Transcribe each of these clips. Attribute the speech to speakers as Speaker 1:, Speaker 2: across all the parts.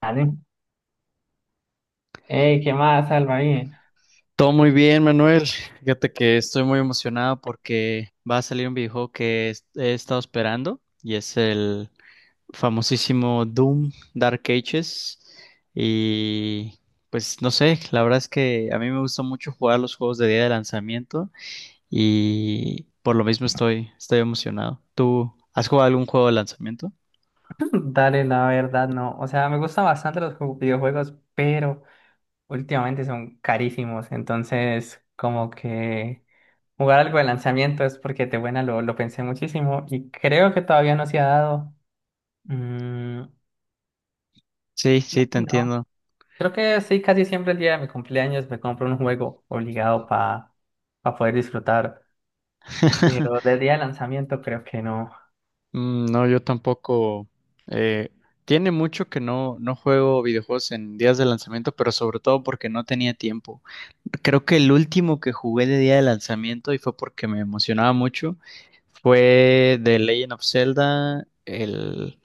Speaker 1: Dale. Ey, ¿qué más, Alba? ¿Ahí?
Speaker 2: Todo muy bien, Manuel. Fíjate que estoy muy emocionado porque va a salir un videojuego que he estado esperando y es el famosísimo Doom Dark Ages. Y pues no sé, la verdad es que a mí me gusta mucho jugar los juegos de día de lanzamiento y por lo mismo estoy emocionado. ¿Tú has jugado algún juego de lanzamiento?
Speaker 1: Dale, la verdad, no. O sea, me gustan bastante los videojuegos, pero últimamente son carísimos. Entonces, como que jugar algo de lanzamiento es porque te buena, lo pensé muchísimo y creo que todavía no se ha dado. Mm,
Speaker 2: Sí, sí, te
Speaker 1: no.
Speaker 2: entiendo.
Speaker 1: Creo que sí, casi siempre el día de mi cumpleaños me compro un juego obligado para poder disfrutar. Pero del día de lanzamiento creo que no.
Speaker 2: Mm. No, yo tampoco. eh, Tiene mucho que no juego videojuegos en días de lanzamiento, pero sobre todo porque no tenía tiempo. Creo que el último que jugué de día de lanzamiento, y fue porque me emocionaba mucho, fue The Legend of Zelda, el,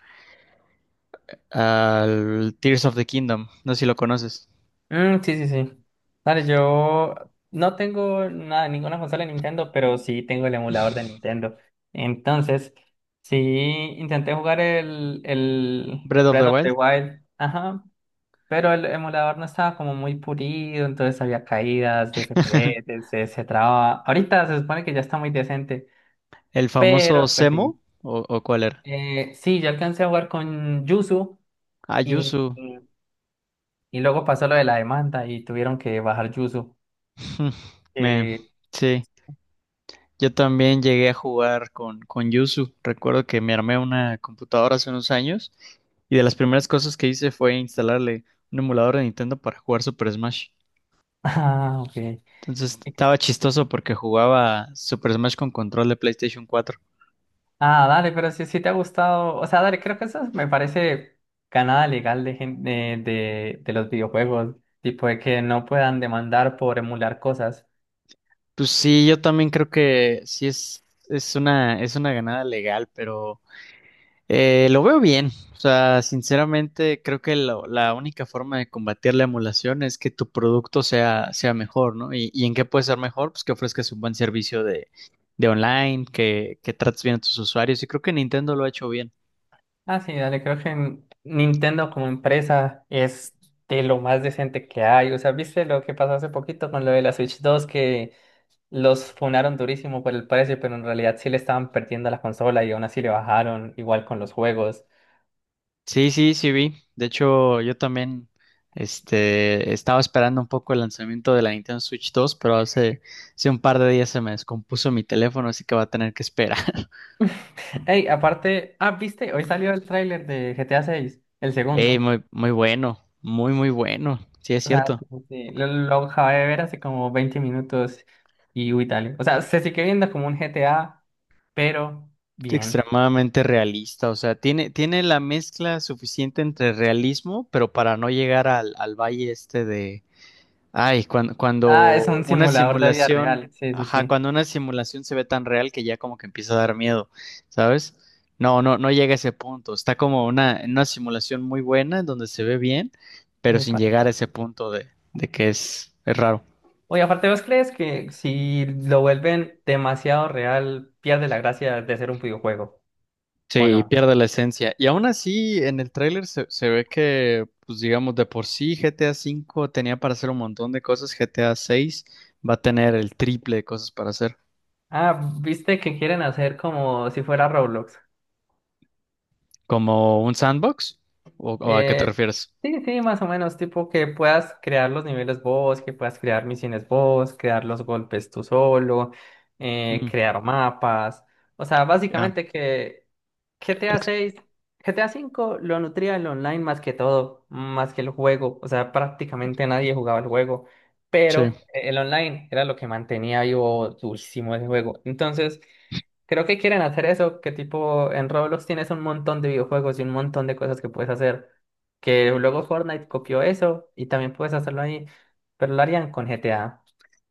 Speaker 2: al Tears of the Kingdom. No sé si lo conoces.
Speaker 1: Mm, sí, sí, sí. Dale, yo no tengo nada, ninguna consola de Nintendo, pero sí tengo el emulador de Nintendo. Entonces, sí intenté jugar el
Speaker 2: Breath of
Speaker 1: Breath
Speaker 2: the
Speaker 1: of the
Speaker 2: Wild.
Speaker 1: Wild, ajá, pero el emulador no estaba como muy pulido, entonces había caídas de FPS, se traba. Ahorita se supone que ya está muy decente,
Speaker 2: El
Speaker 1: pero
Speaker 2: famoso
Speaker 1: pues sí.
Speaker 2: Semo, o cuál era.
Speaker 1: Sí, yo alcancé a jugar con Yuzu y,
Speaker 2: Ayuzu.
Speaker 1: y luego pasó lo de la demanda y tuvieron que bajar Yuzu,
Speaker 2: Me,
Speaker 1: eh,
Speaker 2: sí. Yo también llegué a jugar con Yuzu. Recuerdo que me armé una computadora hace unos años y de las primeras cosas que hice fue instalarle un emulador de Nintendo para jugar Super Smash.
Speaker 1: ah, ok.
Speaker 2: Entonces estaba chistoso porque jugaba Super Smash con control de PlayStation 4.
Speaker 1: Ah, dale, pero si te ha gustado, o sea, dale, creo que eso me parece ganada legal de, de los videojuegos, tipo de que no puedan demandar por emular cosas.
Speaker 2: Pues sí, yo también creo que sí es una ganada legal, pero lo veo bien. O sea, sinceramente, creo que la única forma de combatir la emulación es que tu producto sea mejor, ¿no? ¿Y en qué puede ser mejor? Pues que ofrezcas un buen servicio de online, que trates bien a tus usuarios. Y creo que Nintendo lo ha hecho bien.
Speaker 1: Ah, sí, dale, creo que Nintendo como empresa es de lo más decente que hay. O sea, ¿viste lo que pasó hace poquito con lo de la Switch dos, que los funaron durísimo por el precio, pero en realidad sí le estaban perdiendo la consola y aún así le bajaron, igual con los juegos?
Speaker 2: Sí, sí, sí vi. De hecho, yo también estaba esperando un poco el lanzamiento de la Nintendo Switch 2, pero hace un par de días se me descompuso mi teléfono, así que va a tener que esperar.
Speaker 1: Ey, aparte, ah, viste, hoy salió el tráiler de GTA 6, el
Speaker 2: Ey,
Speaker 1: segundo.
Speaker 2: muy, muy bueno, muy, muy bueno. Sí, es
Speaker 1: O sea,
Speaker 2: cierto.
Speaker 1: como que lo acabé de ver hace como 20 minutos y uy, dale. O sea, se sigue viendo como un GTA, pero bien.
Speaker 2: Extremadamente realista, o sea, tiene la mezcla suficiente entre realismo, pero para no llegar al valle este de, ay, cuando,
Speaker 1: Ah,
Speaker 2: cuando
Speaker 1: es un
Speaker 2: una
Speaker 1: simulador de vida
Speaker 2: simulación,
Speaker 1: real. Sí, sí,
Speaker 2: ajá,
Speaker 1: sí.
Speaker 2: cuando una simulación se ve tan real que ya como que empieza a dar miedo, ¿sabes? No, no, no llega a ese punto. Está como una, en una simulación muy buena, en donde se ve bien, pero
Speaker 1: Ay,
Speaker 2: sin
Speaker 1: pa,
Speaker 2: llegar a
Speaker 1: pa.
Speaker 2: ese punto de que es raro.
Speaker 1: Oye, aparte, ¿vos crees que si lo vuelven demasiado real, pierde la gracia de ser un videojuego? ¿O
Speaker 2: Sí,
Speaker 1: no?
Speaker 2: pierde la esencia. Y aún así, en el tráiler se ve que, pues digamos, de por sí GTA V tenía para hacer un montón de cosas, GTA VI va a tener el triple de cosas para hacer.
Speaker 1: Ah, viste que quieren hacer como si fuera Roblox.
Speaker 2: ¿Como un sandbox? ¿O a qué te
Speaker 1: Eh,
Speaker 2: refieres?
Speaker 1: sí, sí, más o menos, tipo que puedas crear los niveles vos, que puedas crear misiones vos, crear los golpes tú solo,
Speaker 2: Mm,
Speaker 1: crear mapas. O sea,
Speaker 2: ya.
Speaker 1: básicamente que
Speaker 2: Ex-
Speaker 1: GTA 6, GTA 5 lo nutría el online más que todo, más que el juego. O sea, prácticamente nadie jugaba el juego,
Speaker 2: Sí,
Speaker 1: pero el online era lo que mantenía vivo durísimo ese juego. Entonces... Creo que quieren hacer eso, que tipo en Roblox tienes un montón de videojuegos y un montón de cosas que puedes hacer, que luego Fortnite copió eso y también puedes hacerlo ahí, pero lo harían con GTA.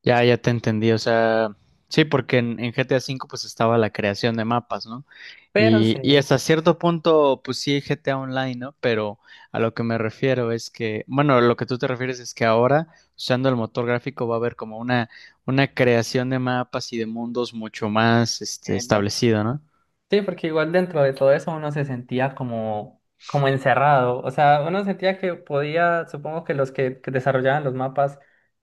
Speaker 2: ya, ya te entendí. O sea, sí, porque en GTA V pues estaba la creación de mapas, ¿no?
Speaker 1: Pero
Speaker 2: Y,
Speaker 1: sí.
Speaker 2: y hasta cierto punto, pues sí, GTA Online, ¿no? Pero a lo que me refiero es que, bueno, lo que tú te refieres es que ahora, usando el motor gráfico, va a haber como una creación de mapas y de mundos mucho más,
Speaker 1: Epa.
Speaker 2: establecida, ¿no?
Speaker 1: Sí, porque igual dentro de todo eso uno se sentía como, como encerrado. O sea, uno sentía que podía, supongo que que desarrollaban los mapas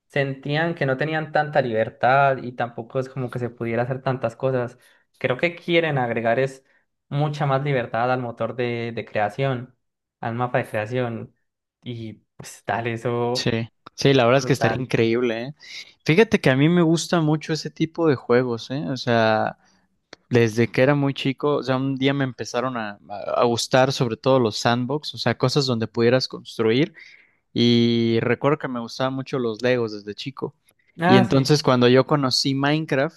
Speaker 1: sentían que no tenían tanta libertad y tampoco es como que se pudiera hacer tantas cosas. Creo que quieren agregar es mucha más libertad al motor de creación, al mapa de creación. Y pues, tal, eso
Speaker 2: Sí, sí, la verdad es que estaría
Speaker 1: brutal.
Speaker 2: increíble, ¿eh? Fíjate que a mí me gusta mucho ese tipo de juegos, ¿eh? O sea, desde que era muy chico, o sea, un día me empezaron a gustar sobre todo los sandbox, o sea, cosas donde pudieras construir y recuerdo que me gustaban mucho los Legos desde chico. Y
Speaker 1: Ah, sí.
Speaker 2: entonces cuando yo conocí Minecraft,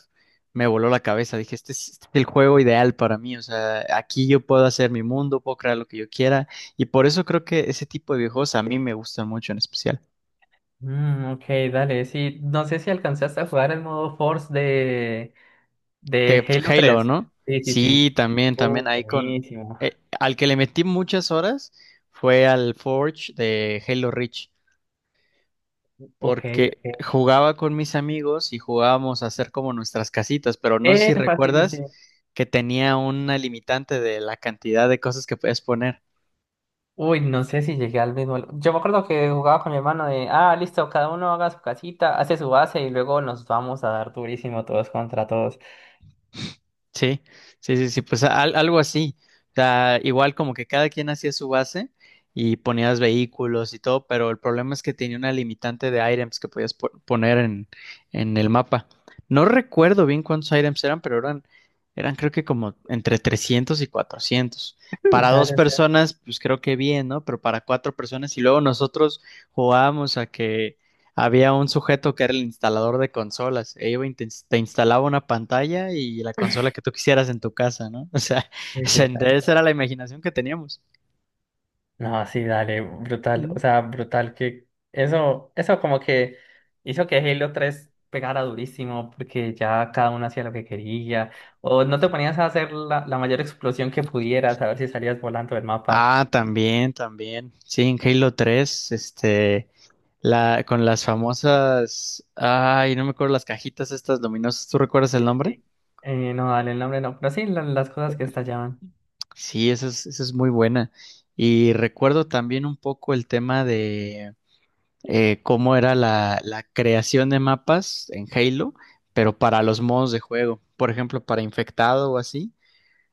Speaker 2: me voló la cabeza, dije, este es el juego ideal para mí, o sea, aquí yo puedo hacer mi mundo, puedo crear lo que yo quiera y por eso creo que ese tipo de videojuegos a mí me gustan mucho en especial.
Speaker 1: Mm, ok, dale. Sí, no sé si alcanzaste a jugar el modo Force de
Speaker 2: De
Speaker 1: Halo
Speaker 2: Halo,
Speaker 1: tres.
Speaker 2: ¿no?
Speaker 1: Sí, sí, sí.
Speaker 2: Sí, también,
Speaker 1: Oh,
Speaker 2: también ahí con...
Speaker 1: buenísimo.
Speaker 2: al que le metí muchas horas fue al Forge de Halo Reach,
Speaker 1: Ok,
Speaker 2: porque
Speaker 1: ok.
Speaker 2: jugaba con mis amigos y jugábamos a hacer como nuestras casitas, pero no sé si
Speaker 1: Fácil, sí, sí,
Speaker 2: recuerdas
Speaker 1: sí.
Speaker 2: que tenía una limitante de la cantidad de cosas que puedes poner.
Speaker 1: Uy, no sé si llegué al mismo. Yo me acuerdo que jugaba con mi hermano de, ah, listo, cada uno haga su casita, hace su base y luego nos vamos a dar durísimo todos contra todos.
Speaker 2: Sí, sí, sí, sí, pues algo así. O sea, igual como que cada quien hacía su base y ponías vehículos y todo, pero el problema es que tenía una limitante de items que podías poner en el mapa. No recuerdo bien cuántos items eran, pero eran creo que como entre 300 y 400.
Speaker 1: Mm,
Speaker 2: Para dos
Speaker 1: dale, o sea.
Speaker 2: personas, pues creo que bien, ¿no? Pero para cuatro personas y luego nosotros jugábamos a que había un sujeto que era el instalador de consolas e iba y te instalaba una pantalla y la consola que tú quisieras en tu casa, ¿no? O sea,
Speaker 1: Uy, qué.
Speaker 2: esa era la imaginación que teníamos.
Speaker 1: No, sí, dale, brutal. O
Speaker 2: Mm.
Speaker 1: sea, brutal que eso como que hizo que Halo tres pegara durísimo porque ya cada uno hacía lo que quería. O no, te ponías a hacer la mayor explosión que pudieras, a ver si salías volando del mapa.
Speaker 2: Ah, también, también. Sí, en Halo 3, con las famosas, ay, no me acuerdo, las cajitas estas luminosas. ¿Tú recuerdas
Speaker 1: Sí,
Speaker 2: el
Speaker 1: sí,
Speaker 2: nombre?
Speaker 1: sí. No, dale, el nombre no. Pero sí, las cosas que estallaban.
Speaker 2: Sí, esa es muy buena. Y recuerdo también un poco el tema, cómo era la creación de mapas en Halo, pero para los modos de juego, por ejemplo, para infectado o así.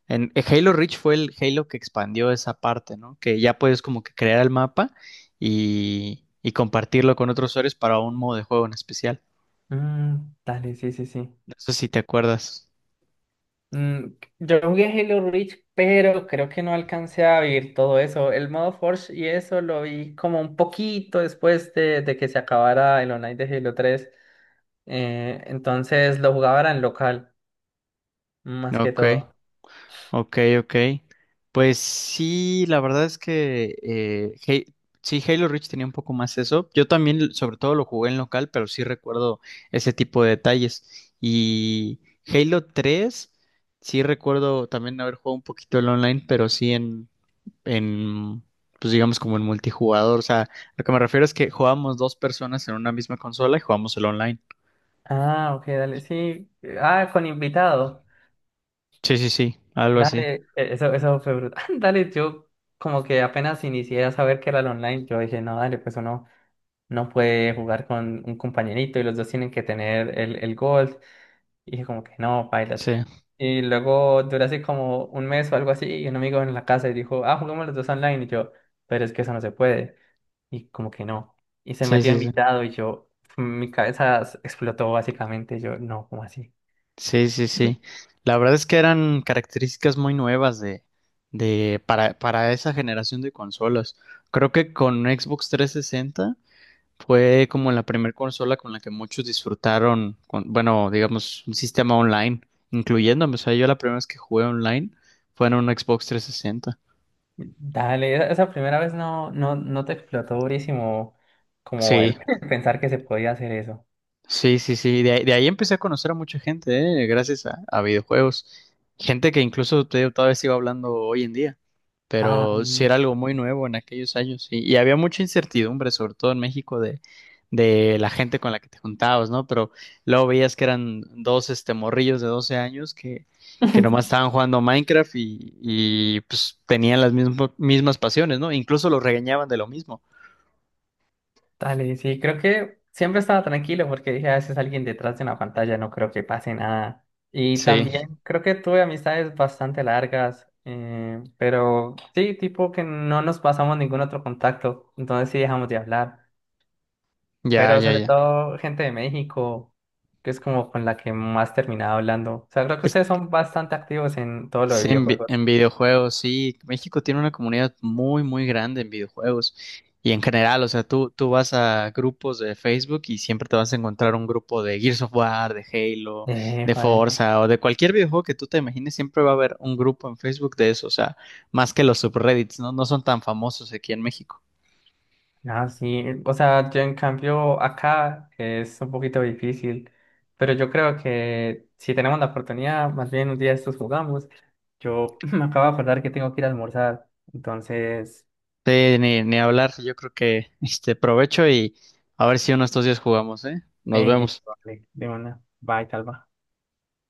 Speaker 2: En Halo Reach fue el Halo que expandió esa parte, ¿no? Que ya puedes como que crear el mapa y compartirlo con otros usuarios para un modo de juego en especial.
Speaker 1: Mm, dale, sí, sí, sí.
Speaker 2: No sé si te acuerdas.
Speaker 1: Mm, yo jugué Halo Reach, pero creo que no alcancé a vivir todo eso. El modo Forge y eso lo vi como un poquito después de que se acabara el online de Halo tres. Entonces lo jugaba era en local, más
Speaker 2: ¿No?
Speaker 1: que
Speaker 2: Ok.
Speaker 1: todo.
Speaker 2: Ok, ok. Pues sí, la verdad es que, sí, Halo Reach tenía un poco más eso. Yo también, sobre todo, lo jugué en local, pero sí recuerdo ese tipo de detalles. Y Halo 3, sí recuerdo también haber jugado un poquito el online, pero sí en, pues digamos como en multijugador. O sea, lo que me refiero es que jugábamos dos personas en una misma consola y jugamos el online.
Speaker 1: Ah, ok, dale, sí. Ah, con invitado.
Speaker 2: Sí, sí, sí, algo así.
Speaker 1: Dale, eso, eso fue brutal. Dale, yo como que apenas inicié a saber que era el online, yo dije, no, dale, pues uno no puede jugar con un compañerito y los dos tienen que tener el gold. Y dije como que no,
Speaker 2: Sí,
Speaker 1: bailas. Y luego duró así como un mes o algo así y un amigo en la casa y dijo, ah, jugamos los dos online. Y yo, pero es que eso no se puede. Y como que no. Y se
Speaker 2: sí,
Speaker 1: metió
Speaker 2: sí, sí.
Speaker 1: invitado y yo, mi cabeza explotó básicamente. Yo, no, ¿cómo así?
Speaker 2: Sí, sí, sí. La verdad es que eran características muy nuevas para esa generación de consolas. Creo que con Xbox 360 fue como la primera consola con la que muchos disfrutaron, bueno, digamos, un sistema online, incluyéndome. O sea, yo la primera vez que jugué online fue en un Xbox 360.
Speaker 1: Dale, esa primera vez no, no, no te explotó durísimo como
Speaker 2: Sí.
Speaker 1: el pensar que se podía hacer eso.
Speaker 2: Sí, sí, sí. De ahí empecé a conocer a mucha gente, gracias a videojuegos. Gente que incluso te digo, todavía sigo hablando hoy en día.
Speaker 1: Ah,
Speaker 2: Pero sí era algo muy nuevo en aquellos años. Y había mucha incertidumbre, sobre todo en México, de la gente con la que te juntabas, ¿no? Pero luego veías que eran dos morrillos de 12 años que nomás estaban jugando Minecraft y pues tenían las mismas pasiones, ¿no? Incluso los regañaban de lo mismo.
Speaker 1: dale, sí, creo que siempre estaba tranquilo porque dije, a veces alguien detrás de una pantalla no creo que pase nada. Y
Speaker 2: Sí,
Speaker 1: también creo que tuve amistades bastante largas, pero sí, tipo que no nos pasamos ningún otro contacto, entonces sí dejamos de hablar.
Speaker 2: ya,
Speaker 1: Pero
Speaker 2: ya,
Speaker 1: sobre
Speaker 2: ya.
Speaker 1: todo gente de México, que es como con la que más terminaba hablando. O sea, creo que ustedes son bastante activos en todo lo de
Speaker 2: Sí,
Speaker 1: videojuegos.
Speaker 2: en videojuegos, sí. México tiene una comunidad muy, muy grande en videojuegos. Y en general, o sea, tú vas a grupos de Facebook y siempre te vas a encontrar un grupo de Gears of War, de Halo, de
Speaker 1: Joder.
Speaker 2: Forza o de cualquier videojuego que tú te imagines, siempre va a haber un grupo en Facebook de eso. O sea, más que los subreddits, ¿no? No son tan famosos aquí en México.
Speaker 1: Ah, sí, o sea, yo en cambio acá es un poquito difícil, pero yo creo que si tenemos la oportunidad, más bien un día de estos jugamos. Yo me acabo de acordar que tengo que ir a almorzar, entonces,
Speaker 2: Sí, ni hablar. Yo creo que provecho y a ver si uno de estos días jugamos, ¿eh? Nos
Speaker 1: listo,
Speaker 2: vemos.
Speaker 1: vale, de una, bye, Calva.